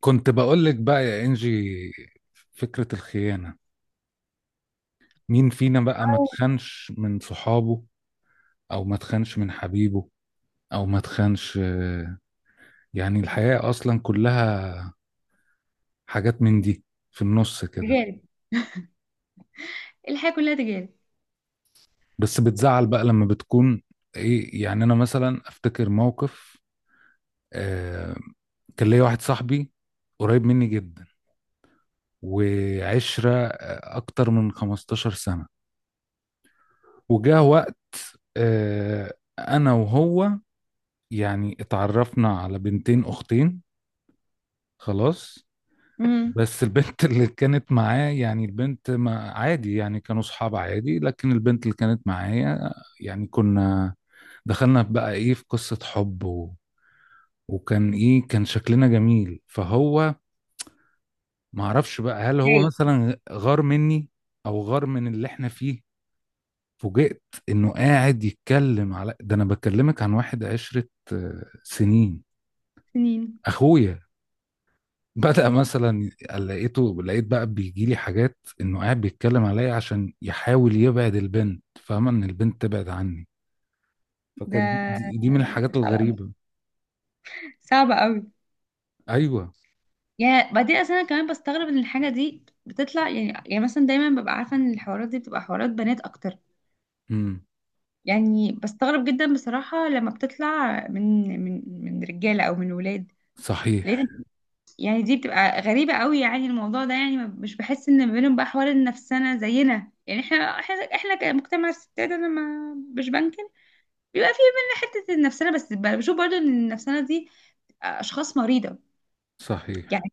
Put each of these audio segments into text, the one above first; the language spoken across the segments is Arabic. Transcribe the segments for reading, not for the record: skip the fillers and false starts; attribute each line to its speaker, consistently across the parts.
Speaker 1: كنت بقول لك بقى يا انجي، فكرة الخيانة. مين فينا بقى ما تخنش من صحابه، او ما تخنش من حبيبه، او ما تخنش. يعني الحياة اصلا كلها حاجات من دي في النص كده.
Speaker 2: تجارب. الحياة كلها تجارب.
Speaker 1: بس بتزعل بقى لما بتكون. ايه يعني؟ انا مثلا افتكر موقف. آه. كان ليا واحد صاحبي قريب مني جدا، وعشرة اكتر من 15 سنة. وجاه وقت آه انا وهو. يعني اتعرفنا على بنتين اختين. خلاص.
Speaker 2: امم.
Speaker 1: بس البنت اللي كانت معاه، يعني البنت ما عادي، يعني كانوا صحاب عادي، لكن البنت اللي كانت معايا، يعني كنا. دخلنا بقى ايه في قصة حب وكان ايه، كان شكلنا جميل. فهو ما اعرفش بقى، هل هو
Speaker 2: هاي.
Speaker 1: مثلا غار مني، او غار من اللي احنا فيه. فوجئت انه قاعد يتكلم على ده. انا بكلمك عن واحد عشرة سنين.
Speaker 2: سنين.
Speaker 1: اخويا. بدأ مثلا، لقيت بقى بيجي لي حاجات، انه قاعد بيتكلم عليا عشان يحاول يبعد البنت، فاهمة؟ ان البنت تبعد عني. فكانت
Speaker 2: ده
Speaker 1: دي من الحاجات
Speaker 2: صعب أوي،
Speaker 1: الغريبة.
Speaker 2: صعبة قوي.
Speaker 1: ايوه.
Speaker 2: يعني بعدين اصلا انا كمان بستغرب ان الحاجة دي بتطلع، يعني مثلا دايما ببقى عارفة ان الحوارات دي بتبقى حوارات بنات اكتر.
Speaker 1: امم.
Speaker 2: يعني بستغرب جدا بصراحة لما بتطلع من رجالة او من ولاد.
Speaker 1: صحيح.
Speaker 2: لان يعني دي بتبقى غريبة قوي، يعني الموضوع ده يعني مش بحس ان ما بينهم بقى حوار النفسنا زينا. يعني احنا، احنا كمجتمع الستات، انا ما مش بنكر بيبقى فيه مننا حتة النفسانة، بس بشوف برضو ان النفسانة دي اشخاص مريضة.
Speaker 1: صحيح.
Speaker 2: يعني،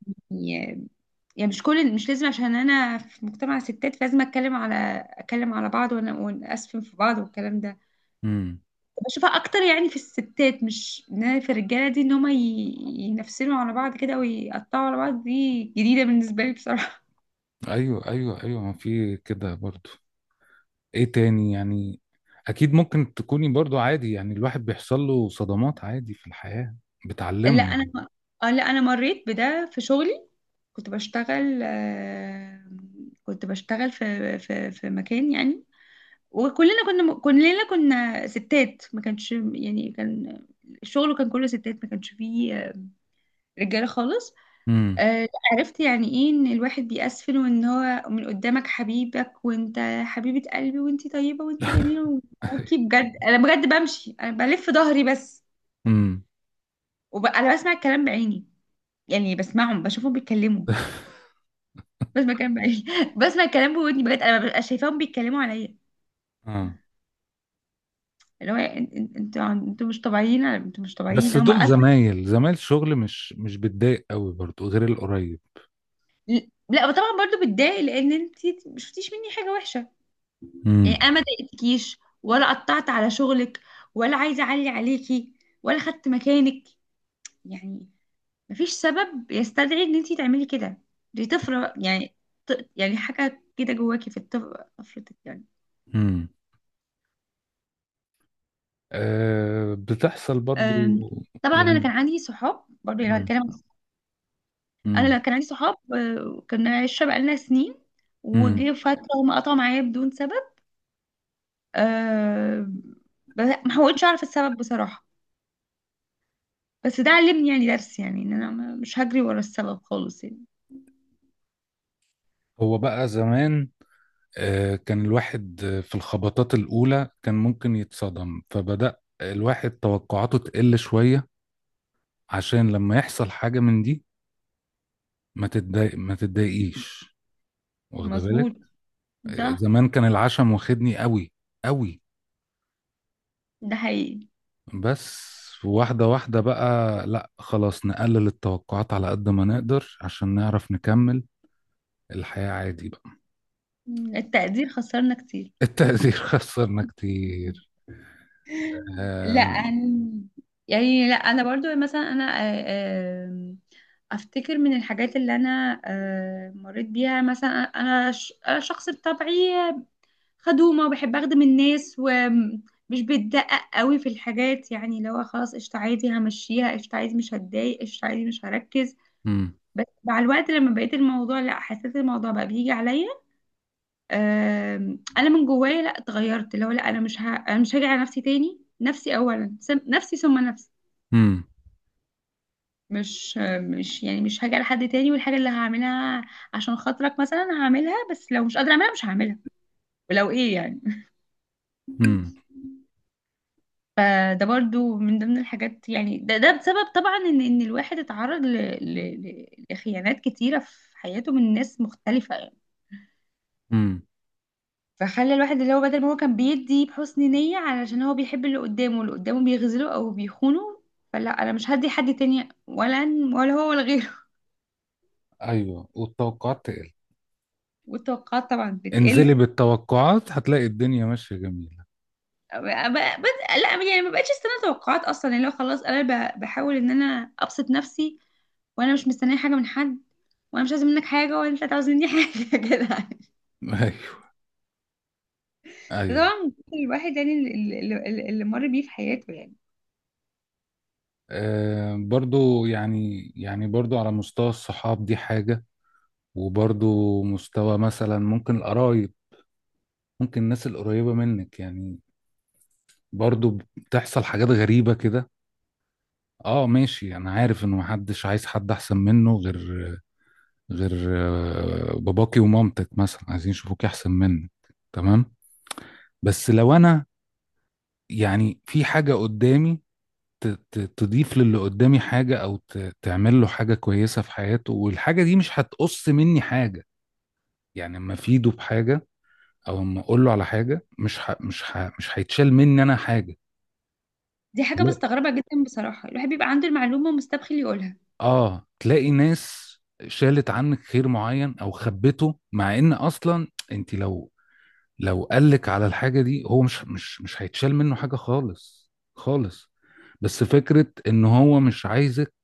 Speaker 2: يعني مش كل، مش لازم عشان انا في مجتمع ستات فلازم اتكلم على، اتكلم على بعض ونأسفن في بعض والكلام ده.
Speaker 1: امم.
Speaker 2: بشوفها اكتر يعني في الستات، مش ان أنا في الرجالة دي ان هما ينفسنوا على بعض كده ويقطعوا على بعض. دي جديدة بالنسبة لي بصراحة.
Speaker 1: ايوه، ايوه، ايوه، ما في كده برضو. ايه تاني يعني؟ اكيد ممكن تكوني برضو عادي. يعني الواحد بيحصل له صدمات عادي في الحياة
Speaker 2: لا
Speaker 1: بتعلمه.
Speaker 2: انا اه لا انا مريت بده في شغلي. كنت بشتغل، كنت بشتغل في مكان يعني. وكلنا كنا كلنا كنا ستات، ما كانش يعني، كان الشغل كان كله ستات، ما كانش فيه رجاله خالص.
Speaker 1: امم.
Speaker 2: عرفت يعني ايه ان الواحد بيأسفل، وان هو من قدامك حبيبك، وانت حبيبة قلبي وانت طيبة وانت جميلة، وكي بجد. انا بجد بمشي، انا بلف ظهري بس. انا بسمع الكلام بعيني. يعني بسمعهم، بشوفهم بيتكلموا، بسمع الكلام بعيني بسمع الكلام بودني بجد، انا ببقى شايفاهم بيتكلموا عليا.
Speaker 1: امم.
Speaker 2: اللي هو انتوا انتوا مش طبيعيين، انتوا مش طبيعيين
Speaker 1: بس
Speaker 2: هم.
Speaker 1: دول زمايل شغل، مش بتضايق قوي برضو غير القريب.
Speaker 2: لا طبعا برضو بتضايق، لان انت ما شفتيش مني حاجه وحشه. يعني
Speaker 1: امم.
Speaker 2: انا ما ضايقتكيش، ولا قطعت على شغلك، ولا عايزه اعلي عليكي، ولا خدت مكانك. يعني مفيش سبب يستدعي ان انت تعملي كده. دي طفره يعني، يعني حاجه كده جواكي في طفرتك يعني.
Speaker 1: امم. آه، بتحصل برضو
Speaker 2: أم، طبعا انا
Speaker 1: يعني.
Speaker 2: كان عندي صحاب برضو، يعني
Speaker 1: امم.
Speaker 2: هنتكلم. انا لا
Speaker 1: امم.
Speaker 2: كان عندي صحاب، كنا عشره بقالنا سنين،
Speaker 1: امم.
Speaker 2: وجه فتره هم قطعوا معايا بدون سبب. أه ما حاولتش اعرف السبب بصراحة. بس ده علمني يعني درس، يعني ان انا مش هجري ورا السبب خالص يعني.
Speaker 1: هو بقى زمان، كان الواحد في الخبطات الأولى كان ممكن يتصدم. فبدأ الواحد توقعاته تقل شوية، عشان لما يحصل حاجة من دي، ما تتضايق، ما تتضايقيش، واخد
Speaker 2: مظبوط.
Speaker 1: بالك.
Speaker 2: صح.
Speaker 1: زمان كان العشم واخدني قوي، قوي.
Speaker 2: ده حقيقي.
Speaker 1: بس واحدة واحدة بقى، لا خلاص، نقلل التوقعات على قد ما نقدر عشان نعرف نكمل الحياة عادي بقى.
Speaker 2: التقدير خسرنا كتير.
Speaker 1: التقدير خسرنا كتير.
Speaker 2: لا
Speaker 1: آم،
Speaker 2: أنا، يعني لا انا برضو مثلا، انا آه، آم، افتكر من الحاجات اللي انا مريت بيها مثلا. انا انا شخص بطبعي خدومة وبحب أخدم الناس، ومش بتدقق قوي في الحاجات. يعني لو خلاص قشطة عادي، همشيها قشطة عادي، مش هتضايق قشطة عادي، مش هركز.
Speaker 1: مم،
Speaker 2: بس مع الوقت لما بقيت الموضوع، لا حسيت الموضوع بقى بيجي عليا. أنا من جوايا لا اتغيرت. لو لا أنا مش هاجي على نفسي تاني. نفسي أولا، نفسي ثم نفسي.
Speaker 1: مم،
Speaker 2: مش مش يعني مش هاجي على حد تاني. والحاجة اللي هعملها عشان خاطرك مثلا هعملها، بس لو مش قادرة أعملها مش هعملها، ولو إيه يعني.
Speaker 1: مم،
Speaker 2: فده برضو من ضمن الحاجات. يعني ده بسبب طبعا ان الواحد اتعرض لخيانات كتيرة في حياته من ناس مختلفة يعني.
Speaker 1: مم.
Speaker 2: فخلى الواحد، اللي هو بدل ما هو كان بيدي بحسن نية علشان هو بيحب اللي قدامه، اللي قدامه بيغزله او بيخونه. فلا انا مش هدي حد تاني، ولا ولا هو ولا غيره
Speaker 1: ايوه، والتوقعات تقل.
Speaker 2: والتوقعات طبعا
Speaker 1: انزلي
Speaker 2: بتقل.
Speaker 1: بالتوقعات هتلاقي الدنيا ماشية جميلة.
Speaker 2: بس لا يعني ما بقتش استنى توقعات اصلا. يعني لو خلاص انا بحاول ان انا ابسط نفسي، وانا مش مستنيه حاجه من حد، وانا مش عايزه منك حاجه، ولا انت عاوز مني حاجه كده.
Speaker 1: ايوه. ايوه.
Speaker 2: طبعا الواحد، يعني اللي مر بيه في حياته يعني.
Speaker 1: برضو، يعني برضو على مستوى الصحاب دي حاجة، وبرضو مستوى مثلا ممكن القرايب، ممكن الناس القريبة منك يعني. برضو بتحصل حاجات غريبة كده. اه ماشي. انا عارف انه محدش عايز حد احسن منه، غير باباكي ومامتك مثلا عايزين يشوفوك احسن منك. تمام. بس لو انا يعني في حاجة قدامي تضيف للي قدامي حاجة، او تعمل له حاجة كويسة في حياته، والحاجة دي مش هتقص مني حاجة، يعني اما افيده بحاجة او اما اقول له على حاجة، مش هيتشال مني انا حاجة.
Speaker 2: دي حاجه بستغربها جدا بصراحه، الواحد بيبقى عنده المعلومه ومستبخل يقولها.
Speaker 1: اه، تلاقي ناس شالت عنك خير معين او خبته، مع ان اصلا انت لو قالك على الحاجه دي، هو مش هيتشال منه حاجه خالص، خالص. بس فكره ان هو مش عايزك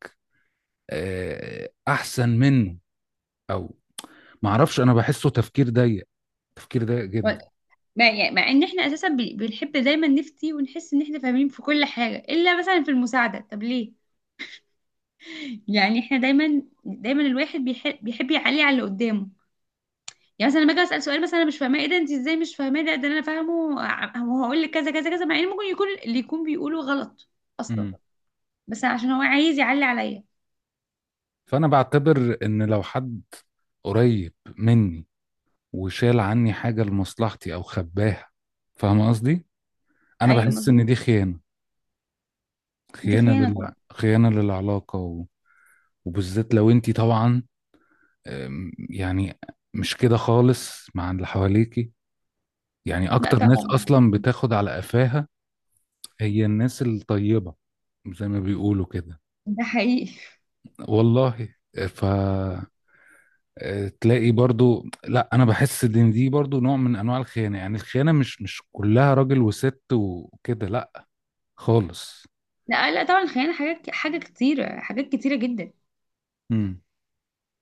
Speaker 1: احسن منه، او معرفش، انا بحسه تفكير ضيق، تفكير ضيق
Speaker 2: و-
Speaker 1: جدا.
Speaker 2: مع، يعني مع ان احنا اساسا بنحب دايما نفتي ونحس ان احنا فاهمين في كل حاجه، الا مثلا في المساعده، طب ليه؟ يعني احنا دايما، دايما الواحد بيحب، بيحب يعلي على اللي قدامه. يعني مثلا لما اجي اسال سؤال مثلا انا مش فاهماه: ايه ده؟ انت ازاي مش فاهماه؟ ده انا فاهمه، وهقول لك كذا كذا كذا، مع ان ممكن يكون اللي يكون بيقوله غلط اصلا،
Speaker 1: مم.
Speaker 2: بس عشان هو عايز يعلي عليا.
Speaker 1: فانا بعتبر ان لو حد قريب مني وشال عني حاجه لمصلحتي او خباها، فاهم قصدي؟ انا
Speaker 2: ايوه
Speaker 1: بحس
Speaker 2: مظبوط.
Speaker 1: ان دي خيانه.
Speaker 2: دي خيانه طبعا.
Speaker 1: خيانة للعلاقة وبالذات لو انتي طبعا، يعني مش كده خالص مع اللي حواليكي. يعني
Speaker 2: لا
Speaker 1: اكتر ناس
Speaker 2: طبعا.
Speaker 1: اصلا بتاخد على قفاها هي الناس الطيبة، زي ما بيقولوا كده.
Speaker 2: ده حقيقي.
Speaker 1: والله. ف تلاقي برضو، لا انا بحس ان دي برضو نوع من انواع الخيانة. يعني الخيانة مش مش كلها راجل وست وكده، لا، خالص.
Speaker 2: لا لا طبعا خيانه، حاجات، حاجه كتيره، حاجات كتيره جدا.
Speaker 1: امم.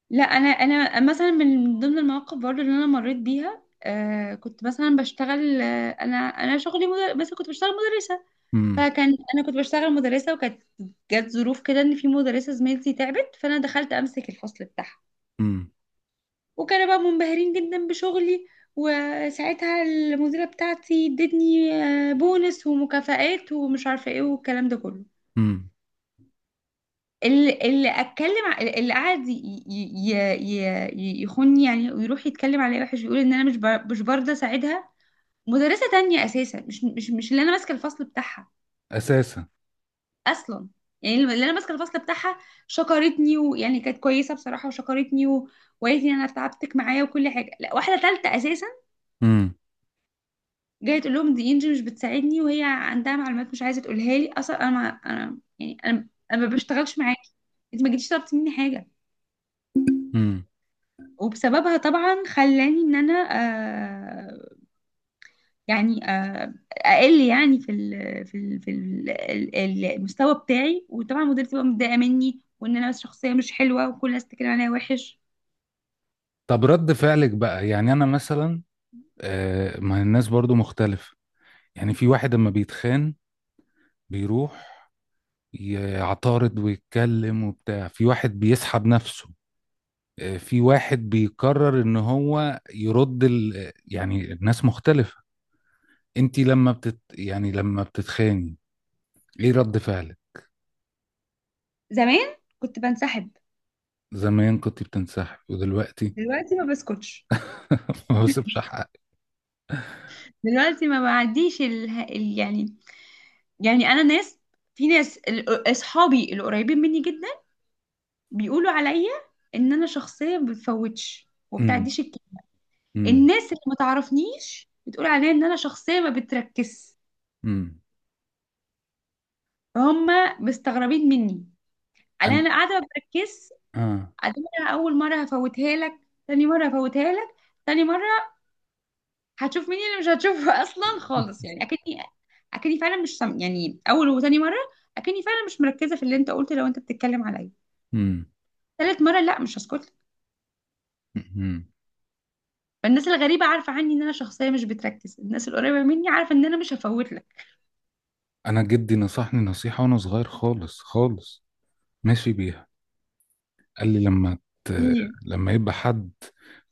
Speaker 2: لا انا مثلا من ضمن المواقف برضو اللي انا مريت بيها. كنت مثلا بشتغل، انا شغلي بس كنت بشتغل مدرسه.
Speaker 1: امم.
Speaker 2: فكان انا كنت بشتغل مدرسه، وكانت جت ظروف كده ان في مدرسه زميلتي تعبت، فانا دخلت امسك الفصل بتاعها.
Speaker 1: امم.
Speaker 2: وكانوا بقى منبهرين جدا بشغلي، وساعتها المديره بتاعتي ادتني بونس ومكافآت ومش عارفه ايه والكلام ده كله.
Speaker 1: امم،
Speaker 2: اللي اتكلم، اللي قعد ي- ي- يخوني يعني، ويروح يتكلم عليا وحش، ويقول ان انا مش برضه اساعدها مدرسه تانية اساسا، مش اللي انا ماسكه الفصل بتاعها
Speaker 1: اساسا.
Speaker 2: اصلا. يعني اللي انا ماسكه الفصل بتاعها شكرتني، ويعني كانت كويسه بصراحه، وشكرتني، وقالت لي انا تعبتك معايا وكل حاجه. لا واحده ثالثه اساسا
Speaker 1: امم.
Speaker 2: جايه تقول لهم دي انجي مش بتساعدني، وهي عندها معلومات مش عايزه تقولها لي اصلا. انا ما انا يعني انا ما بشتغلش معاكي، انت ما جيتيش طلبتي مني حاجه.
Speaker 1: امم.
Speaker 2: وبسببها طبعا خلاني ان انا، آه اقل يعني في ال، المستوى بتاعي. وطبعا مديرتي بقى متضايقه مني، وان انا شخصيه مش حلوه، وكل الناس بتتكلم عليا وحش.
Speaker 1: طب رد فعلك بقى؟ يعني انا مثلا، ما الناس برضو مختلفة. يعني في واحد اما بيتخان بيروح يعترض ويتكلم وبتاع، في واحد بيسحب نفسه، في واحد بيقرر ان هو يرد يعني الناس مختلفة. انتي لما بتت يعني لما بتتخاني، ايه رد فعلك؟
Speaker 2: زمان كنت بنسحب،
Speaker 1: زمان كنت بتنسحب، ودلوقتي؟
Speaker 2: دلوقتي ما بسكتش.
Speaker 1: ما بسيبش حقك.
Speaker 2: دلوقتي ما بعديش يعني. يعني انا ناس، في ناس اصحابي القريبين مني جدا بيقولوا عليا ان انا شخصيه ما بتفوتش وما
Speaker 1: امم.
Speaker 2: بتعديش الكلام.
Speaker 1: امم.
Speaker 2: الناس اللي ما تعرفنيش بتقول عليا ان انا شخصيه ما بتركز،
Speaker 1: امم.
Speaker 2: فهم مستغربين مني على
Speaker 1: أنا-
Speaker 2: انا قاعده ما بركزش.
Speaker 1: اه.
Speaker 2: أدي انا اول مره هفوتها لك، تاني مره هفوتها لك، تاني مره هتشوف مين اللي مش هتشوفه اصلا خالص. يعني اكني فعلا مش سم... يعني اول وتاني مره اكني فعلا مش مركزه في اللي انت قلته، لو انت بتتكلم عليا. تالت مره لا مش هسكت لك.
Speaker 1: امم.
Speaker 2: فالناس الغريبه عارفه عني ان انا شخصيه مش بتركز، الناس القريبه مني عارفه ان انا مش هفوت لك.
Speaker 1: انا جدي نصحني نصيحة وانا صغير خالص، خالص، ماشي بيها. قال لي لما ت...
Speaker 2: هي.
Speaker 1: لما يبقى حد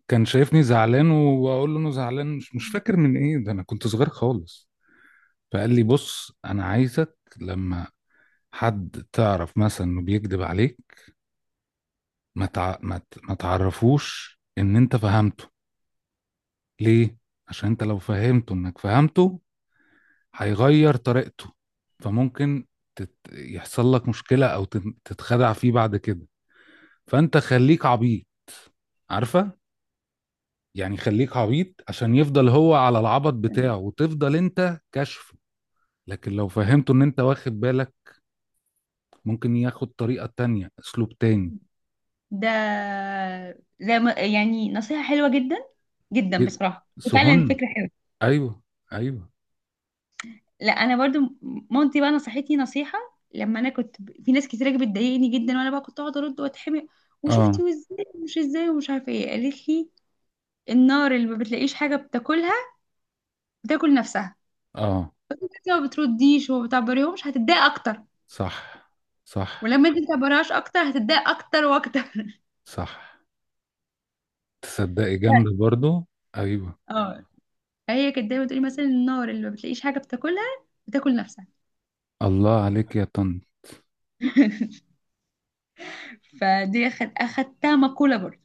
Speaker 1: كان شايفني زعلان واقول له انه زعلان، مش مش فاكر من ايه ده، انا كنت صغير خالص. فقال لي، بص انا عايزك لما حد تعرف مثلا انه بيكذب عليك، ما تع... ما ت... ما تعرفوش ان انت فهمته. ليه؟ عشان انت لو فهمته انك فهمته هيغير طريقته. فممكن يحصل لك مشكلة، او تتخدع فيه بعد كده. فانت خليك عبيط، عارفه؟ يعني خليك عبيط عشان يفضل هو على العبط بتاعه، وتفضل انت كشفه. لكن لو فهمته ان انت واخد بالك، ممكن ياخد طريقه تانية، اسلوب تاني.
Speaker 2: ده زي ما، يعني نصيحه حلوه جدا، جدا
Speaker 1: ي-
Speaker 2: بصراحه. فعلا
Speaker 1: سهون.
Speaker 2: فكره حلوه.
Speaker 1: ايوه. ايوه.
Speaker 2: لا انا برضو مامتي بقى نصحتني نصيحه لما انا كنت في ناس كتير بتضايقني جدا، وانا بقى كنت اقعد ارد واتحمق،
Speaker 1: اه.
Speaker 2: وشفتي وازاي ومش ازاي ومش عارفه ايه. قالت لي: النار اللي ما بتلاقيش حاجه بتاكلها بتاكل نفسها.
Speaker 1: اه.
Speaker 2: انت ما بترديش وما بتعبريهمش هتتضايق اكتر.
Speaker 1: صح. صح.
Speaker 2: ولما انت ما تعبرهاش اكتر هتتضايق اكتر واكتر.
Speaker 1: صح. تصدقي جامده برضو. ايوه.
Speaker 2: اه، هي كانت دايما تقولي مثلا: النار اللي ما بتلاقيش حاجه بتاكلها بتاكل نفسها.
Speaker 1: الله عليك يا طن.
Speaker 2: فدي اخدتها مقوله برضو.